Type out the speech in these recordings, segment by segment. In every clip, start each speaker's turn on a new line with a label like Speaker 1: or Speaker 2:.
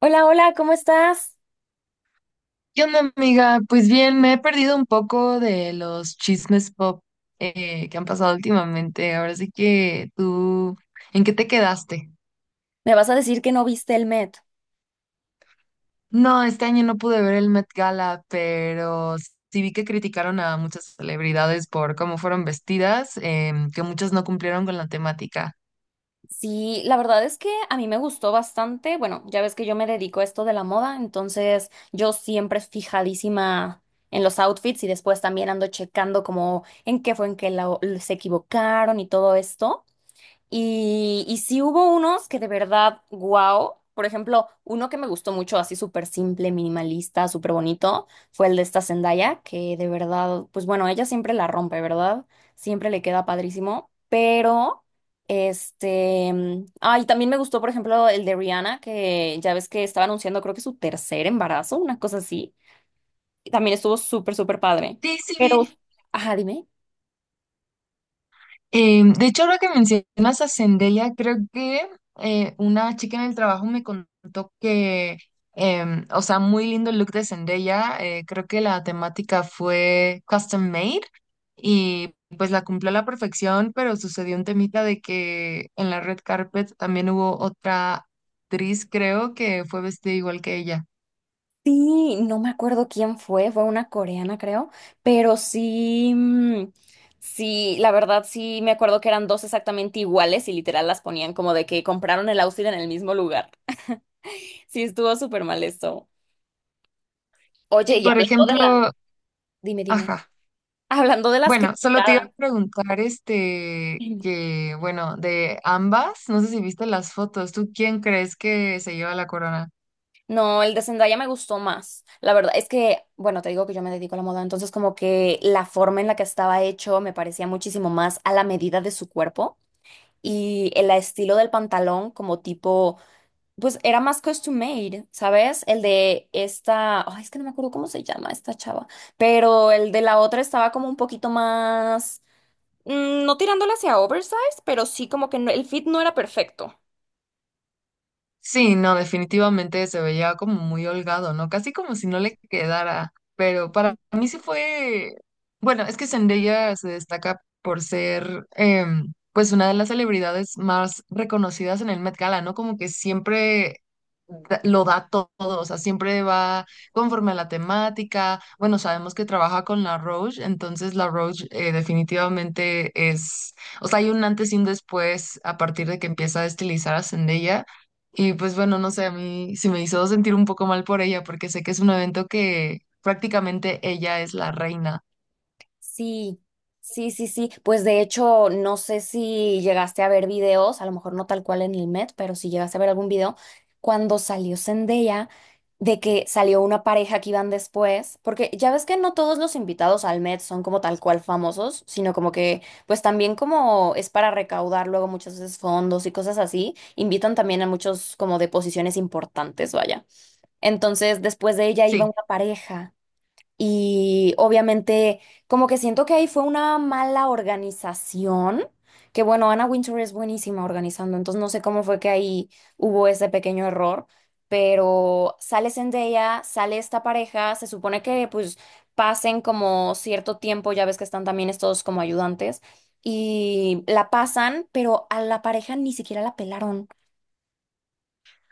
Speaker 1: Hola, hola, ¿cómo estás?
Speaker 2: ¿Qué onda, amiga? Pues bien, me he perdido un poco de los chismes pop que han pasado últimamente. Ahora sí que tú, ¿en qué te quedaste?
Speaker 1: Me vas a decir que no viste el Met.
Speaker 2: No, este año no pude ver el Met Gala, pero sí vi que criticaron a muchas celebridades por cómo fueron vestidas, que muchas no cumplieron con la temática.
Speaker 1: Sí, la verdad es que a mí me gustó bastante. Bueno, ya ves que yo me dedico a esto de la moda, entonces yo siempre fijadísima en los outfits y después también ando checando como en qué fue en que se equivocaron y todo esto. Y sí hubo unos que de verdad, wow. Por ejemplo, uno que me gustó mucho, así súper simple, minimalista, súper bonito, fue el de esta Zendaya, que de verdad, pues bueno, ella siempre la rompe, ¿verdad? Siempre le queda padrísimo. Y también me gustó, por ejemplo, el de Rihanna, que ya ves que estaba anunciando, creo que su tercer embarazo, una cosa así. Y también estuvo súper, súper padre.
Speaker 2: Sí, sí vi.
Speaker 1: Pero, ajá, dime.
Speaker 2: De hecho, ahora que mencionas a Zendaya, creo que una chica en el trabajo me contó que, o sea, muy lindo el look de Zendaya. Creo que la temática fue custom made y pues la cumplió a la perfección, pero sucedió un temita de que en la red carpet también hubo otra actriz, creo, que fue vestida igual que ella.
Speaker 1: Sí, no me acuerdo quién fue, fue una coreana creo, pero sí, la verdad sí me acuerdo que eran dos exactamente iguales y literal las ponían como de que compraron el outfit en el mismo lugar. Sí, estuvo súper mal esto.
Speaker 2: Y
Speaker 1: Oye, y
Speaker 2: por
Speaker 1: hablando de la...
Speaker 2: ejemplo,
Speaker 1: Dime, dime.
Speaker 2: ajá.
Speaker 1: Hablando de las
Speaker 2: Bueno, solo te iba
Speaker 1: criticadas.
Speaker 2: a preguntar, que, bueno, de ambas, no sé si viste las fotos, ¿tú quién crees que se lleva la corona?
Speaker 1: No, el de Zendaya me gustó más. La verdad es que, bueno, te digo que yo me dedico a la moda, entonces como que la forma en la que estaba hecho me parecía muchísimo más a la medida de su cuerpo y el estilo del pantalón como tipo, pues era más custom made, ¿sabes? El de esta, ay, es que no me acuerdo cómo se llama esta chava, pero el de la otra estaba como un poquito más, mm, no tirándole hacia oversize, pero sí como que el fit no era perfecto.
Speaker 2: Sí, no, definitivamente se veía como muy holgado, ¿no? Casi como si no le quedara, pero para mí sí fue, bueno, es que Zendaya se destaca por ser, pues, una de las celebridades más reconocidas en el Met Gala, ¿no? Como que siempre lo todo, o sea, siempre va conforme a la temática. Bueno, sabemos que trabaja con La Roche, entonces La Roche definitivamente es, o sea, hay un antes y un después a partir de que empieza a estilizar a Zendaya. Y pues bueno, no sé, a mí sí me hizo sentir un poco mal por ella, porque sé que es un evento que prácticamente ella es la reina.
Speaker 1: Sí, sí, sí, sí. Pues de hecho, no sé si llegaste a ver videos, a lo mejor no tal cual en el Met, pero si llegaste a ver algún video, cuando salió Zendaya, de que salió una pareja que iban después, porque ya ves que no todos los invitados al Met son como tal cual famosos, sino como que, pues también como es para recaudar luego muchas veces fondos y cosas así, invitan también a muchos como de posiciones importantes, vaya. Entonces, después de ella iba
Speaker 2: Sí.
Speaker 1: una pareja. Y obviamente, como que siento que ahí fue una mala organización, que bueno, Anna Wintour es buenísima organizando, entonces no sé cómo fue que ahí hubo ese pequeño error, pero sale Zendaya, sale esta pareja, se supone que pues pasen como cierto tiempo, ya ves que están también estos como ayudantes, y la pasan, pero a la pareja ni siquiera la pelaron.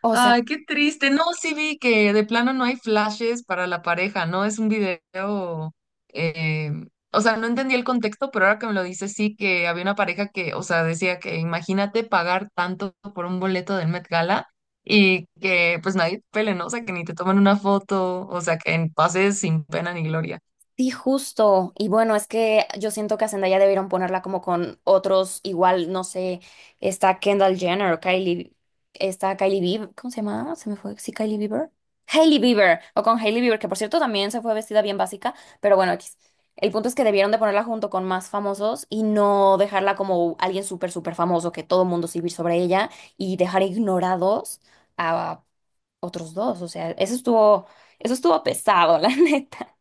Speaker 1: O sea.
Speaker 2: Ay, qué triste. No, sí vi que de plano no hay flashes para la pareja, ¿no? Es un video, eh, o sea, no entendí el contexto, pero ahora que me lo dices, sí que había una pareja que, o sea, decía que imagínate pagar tanto por un boleto del Met Gala y que pues nadie te pele, ¿no? O sea, que ni te toman una foto, o sea, que pases sin pena ni gloria.
Speaker 1: Sí, justo. Y bueno, es que yo siento que a Zendaya debieron ponerla como con otros, igual, no sé, está Kendall Jenner Kylie, está Kylie Bieber, ¿cómo se llama? Se me fue, sí, Kylie Bieber. Hailey Bieber, o con Hailey Bieber, que por cierto también se fue vestida bien básica, pero bueno, X. El punto es que debieron de ponerla junto con más famosos y no dejarla como alguien súper, súper famoso, que todo mundo se sobre ella y dejar ignorados a otros dos. O sea, eso estuvo pesado, la neta.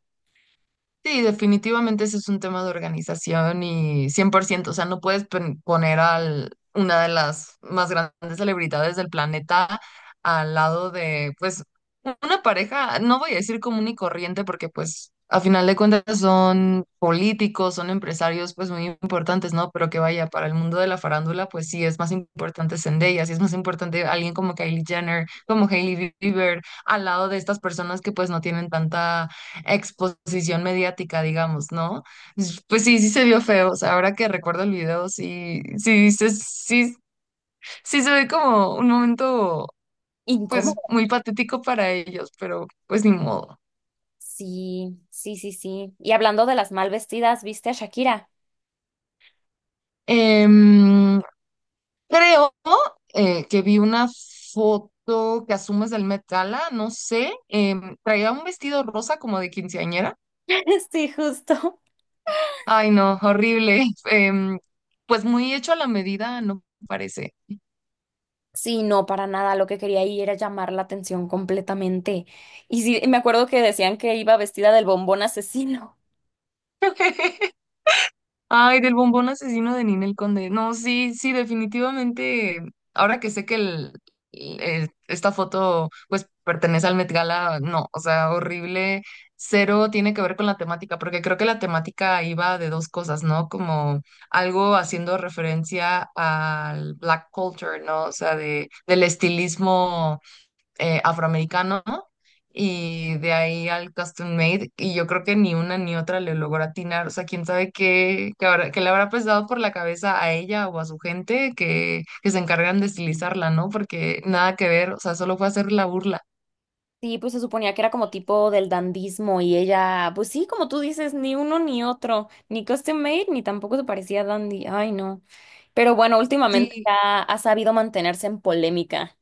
Speaker 2: Sí, definitivamente ese es un tema de organización y 100%, o sea, no puedes poner a una de las más grandes celebridades del planeta al lado de, pues, una pareja, no voy a decir común y corriente, porque pues a final de cuentas son políticos, son empresarios, pues muy importantes, ¿no? Pero que vaya, para el mundo de la farándula, pues sí, es más importante Zendaya, sí es más importante alguien como Kylie Jenner, como Hailey Bieber, al lado de estas personas que pues no tienen tanta exposición mediática, digamos, ¿no? Pues sí, sí se vio feo, o sea, ahora que recuerdo el video, sí, sí, sí, sí se ve como un momento, pues,
Speaker 1: Incómodo.
Speaker 2: muy patético para ellos, pero pues ni modo.
Speaker 1: Sí, sí, sí, sí. Y hablando de las mal vestidas, ¿viste a Shakira?
Speaker 2: Em, creo que vi una foto que asumes del Met Gala, no sé, traía un vestido rosa como de quinceañera.
Speaker 1: Sí, justo.
Speaker 2: Ay, no, horrible. Em, pues muy hecho a la medida, no parece.
Speaker 1: Sí, no, para nada. Lo que quería ahí era llamar la atención completamente. Y sí, me acuerdo que decían que iba vestida del bombón asesino.
Speaker 2: Ay, del bombón asesino de Ninel Conde. No, sí, sí, definitivamente. Ahora que sé que esta foto pues pertenece al Met Gala, no, o sea, horrible. Cero tiene que ver con la temática, porque creo que la temática iba de dos cosas, ¿no? Como algo haciendo referencia al black culture, ¿no? O sea, del estilismo afroamericano, ¿no? Y de ahí al custom made, y yo creo que ni una ni otra le logró atinar, o sea, quién sabe qué, qué le habrá pesado por la cabeza a ella o a su gente que se encargan de estilizarla, ¿no? Porque nada que ver, o sea, solo fue hacer la burla.
Speaker 1: Sí, pues se suponía que era como tipo del dandismo y ella, pues sí, como tú dices, ni uno ni otro, ni custom made, ni tampoco se parecía a dandy. Ay, no. Pero bueno, últimamente
Speaker 2: Sí,
Speaker 1: ya ha sabido mantenerse en polémica.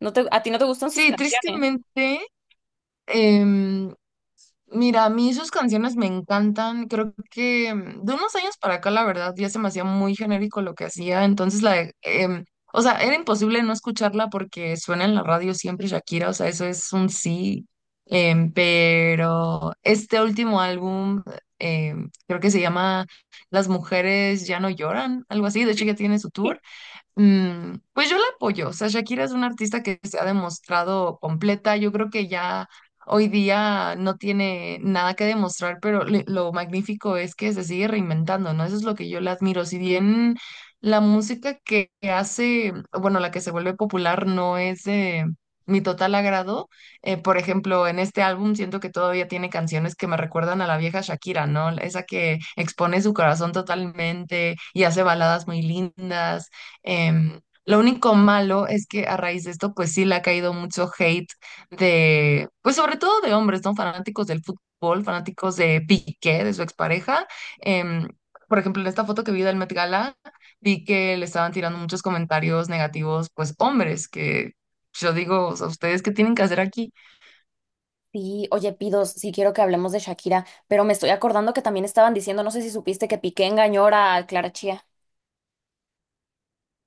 Speaker 1: ¿No te, a ti no te gustan sus
Speaker 2: sí,
Speaker 1: canciones?
Speaker 2: tristemente. em, Mira, a mí sus canciones me encantan. Creo que de unos años para acá, la verdad, ya se me hacía muy genérico lo que hacía. Entonces, o sea, era imposible no escucharla porque suena en la radio siempre Shakira. O sea, eso es un sí. Pero este último álbum, creo que se llama Las mujeres ya no lloran, algo así. De hecho, ya tiene su tour. Pues yo la apoyo. O sea, Shakira es una artista que se ha demostrado completa. Yo creo que ya hoy día no tiene nada que demostrar, pero lo magnífico es que se sigue reinventando, ¿no? Eso es lo que yo le admiro. Si bien la música que hace, bueno, la que se vuelve popular no es de mi total agrado. Por ejemplo, en este álbum siento que todavía tiene canciones que me recuerdan a la vieja Shakira, ¿no? Esa que expone su corazón totalmente y hace baladas muy lindas. Em, lo único malo es que a raíz de esto, pues sí le ha caído mucho hate de, pues sobre todo de hombres, ¿no? Fanáticos del fútbol, fanáticos de Piqué, de su expareja. Em, por ejemplo, en esta foto que vi del Met Gala, vi que le estaban tirando muchos comentarios negativos, pues hombres, que yo digo, o sea, ¿ustedes qué tienen que hacer aquí?
Speaker 1: Sí, oye, Pidos, sí quiero que hablemos de Shakira, pero me estoy acordando que también estaban diciendo, no sé si supiste que Piqué engañó a Clara Chía.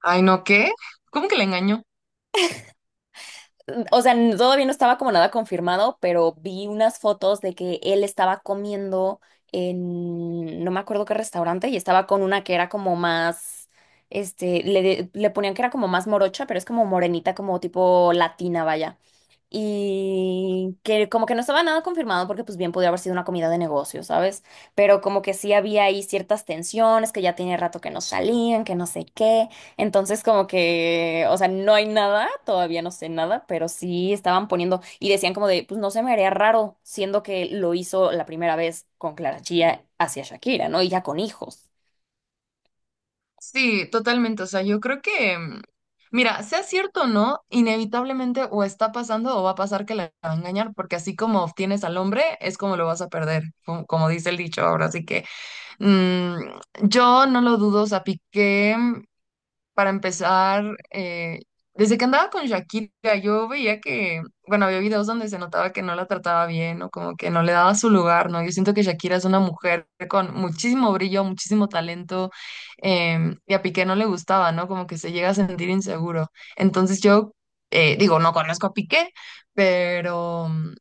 Speaker 2: Ay, no, ¿qué? ¿Cómo que le engañó?
Speaker 1: O sea, todavía no estaba como nada confirmado, pero vi unas fotos de que él estaba comiendo en no me acuerdo qué restaurante y estaba con una que era como más, le ponían que era como más morocha, pero es como morenita, como tipo latina, vaya, y que como que no estaba nada confirmado porque pues bien podía haber sido una comida de negocio, ¿sabes? Pero como que sí había ahí ciertas tensiones, que ya tiene rato que no salían, que no sé qué. Entonces como que, o sea, no hay nada, todavía no sé nada, pero sí estaban poniendo y decían como de, pues no se me haría raro, siendo que lo hizo la primera vez con Clara Chía hacia Shakira, ¿no? Y ya con hijos.
Speaker 2: Sí, totalmente. O sea, yo creo que, mira, sea cierto o no, inevitablemente o está pasando o va a pasar que la va a engañar, porque así como obtienes al hombre, es como lo vas a perder, como dice el dicho ahora. Así que mm, yo no lo dudo, o sea, Piqué, para empezar, desde que andaba con Shakira, yo veía que, bueno, había videos donde se notaba que no la trataba bien o como que no le daba su lugar, ¿no? Yo siento que Shakira es una mujer con muchísimo brillo, muchísimo talento, y a Piqué no le gustaba, ¿no? Como que se llega a sentir inseguro. Entonces yo, digo, no conozco a Piqué, pero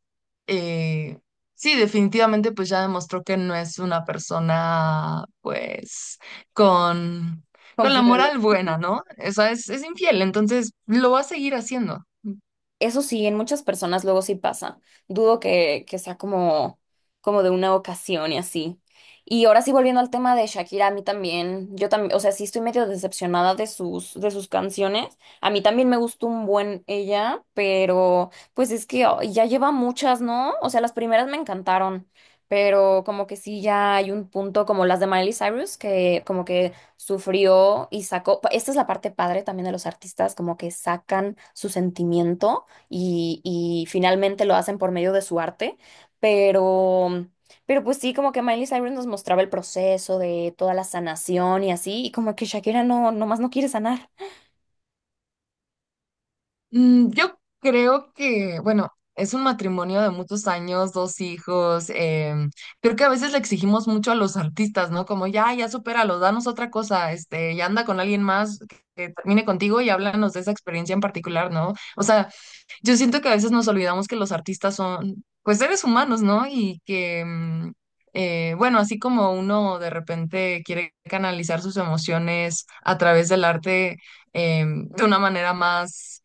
Speaker 2: eh, sí, definitivamente pues ya demostró que no es una persona, pues, con con la
Speaker 1: Confiable.
Speaker 2: moral buena, ¿no? O sea, es infiel, entonces lo va a seguir haciendo.
Speaker 1: Eso sí, en muchas personas luego sí pasa. Dudo que sea como, como de una ocasión y así. Y ahora sí, volviendo al tema de Shakira, a mí también, yo también, o sea, sí estoy medio decepcionada de de sus canciones. A mí también me gustó un buen ella, pero pues es que ay, ya lleva muchas, ¿no? O sea, las primeras me encantaron, pero como que sí ya hay un punto como las de Miley Cyrus, que como que sufrió y sacó, esta es la parte padre también de los artistas, como que sacan su sentimiento y finalmente lo hacen por medio de su arte, pero, pero pues sí, como que Miley Cyrus nos mostraba el proceso de toda la sanación y así, y como que Shakira no, nomás no quiere sanar.
Speaker 2: Yo creo que, bueno, es un matrimonio de muchos años, dos hijos. Creo que a veces le exigimos mucho a los artistas, ¿no? Como ya, ya supéralo, danos otra cosa, ya anda con alguien más que termine contigo y háblanos de esa experiencia en particular, ¿no? O sea, yo siento que a veces nos olvidamos que los artistas son, pues, seres humanos, ¿no? Y que, bueno, así como uno de repente quiere canalizar sus emociones a través del arte, de una manera más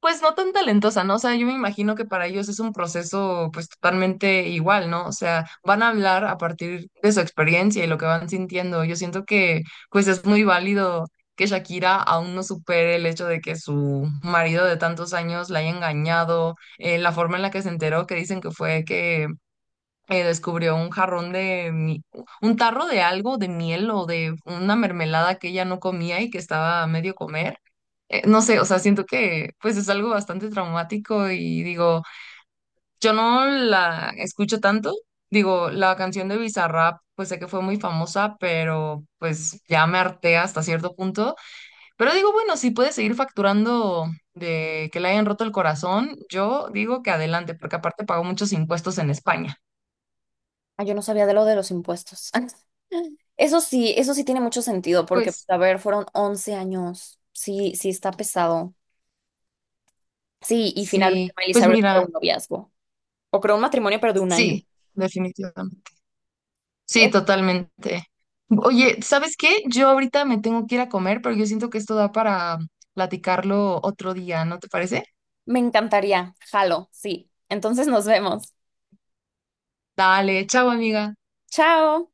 Speaker 2: pues no tan talentosa, ¿no? O sea, yo me imagino que para ellos es un proceso pues totalmente igual, ¿no? O sea, van a hablar a partir de su experiencia y lo que van sintiendo. Yo siento que pues es muy válido que Shakira aún no supere el hecho de que su marido de tantos años la haya engañado, la forma en la que se enteró, que dicen que fue que descubrió un jarrón de, un tarro de algo, de miel o de una mermelada que ella no comía y que estaba a medio comer, no sé, o sea, siento que pues es algo bastante traumático, y digo, yo no la escucho tanto, digo, la canción de Bizarrap, pues sé que fue muy famosa, pero pues ya me harté hasta cierto punto, pero digo, bueno, si puede seguir facturando de que le hayan roto el corazón, yo digo que adelante, porque aparte pagó muchos impuestos en España.
Speaker 1: Ah, yo no sabía de lo de los impuestos. Eso sí tiene mucho sentido, porque,
Speaker 2: Pues
Speaker 1: a ver, fueron 11 años. Sí, sí está pesado. Sí, y finalmente
Speaker 2: sí,
Speaker 1: Miley
Speaker 2: pues
Speaker 1: Cyrus fue
Speaker 2: mira,
Speaker 1: un noviazgo. O creo un matrimonio, pero de un año.
Speaker 2: sí, definitivamente. Sí,
Speaker 1: Eh,
Speaker 2: totalmente. Oye, ¿sabes qué? Yo ahorita me tengo que ir a comer, pero yo siento que esto da para platicarlo otro día, ¿no te parece?
Speaker 1: me encantaría. Jalo, sí. Entonces nos vemos.
Speaker 2: Dale, chao, amiga.
Speaker 1: Chao.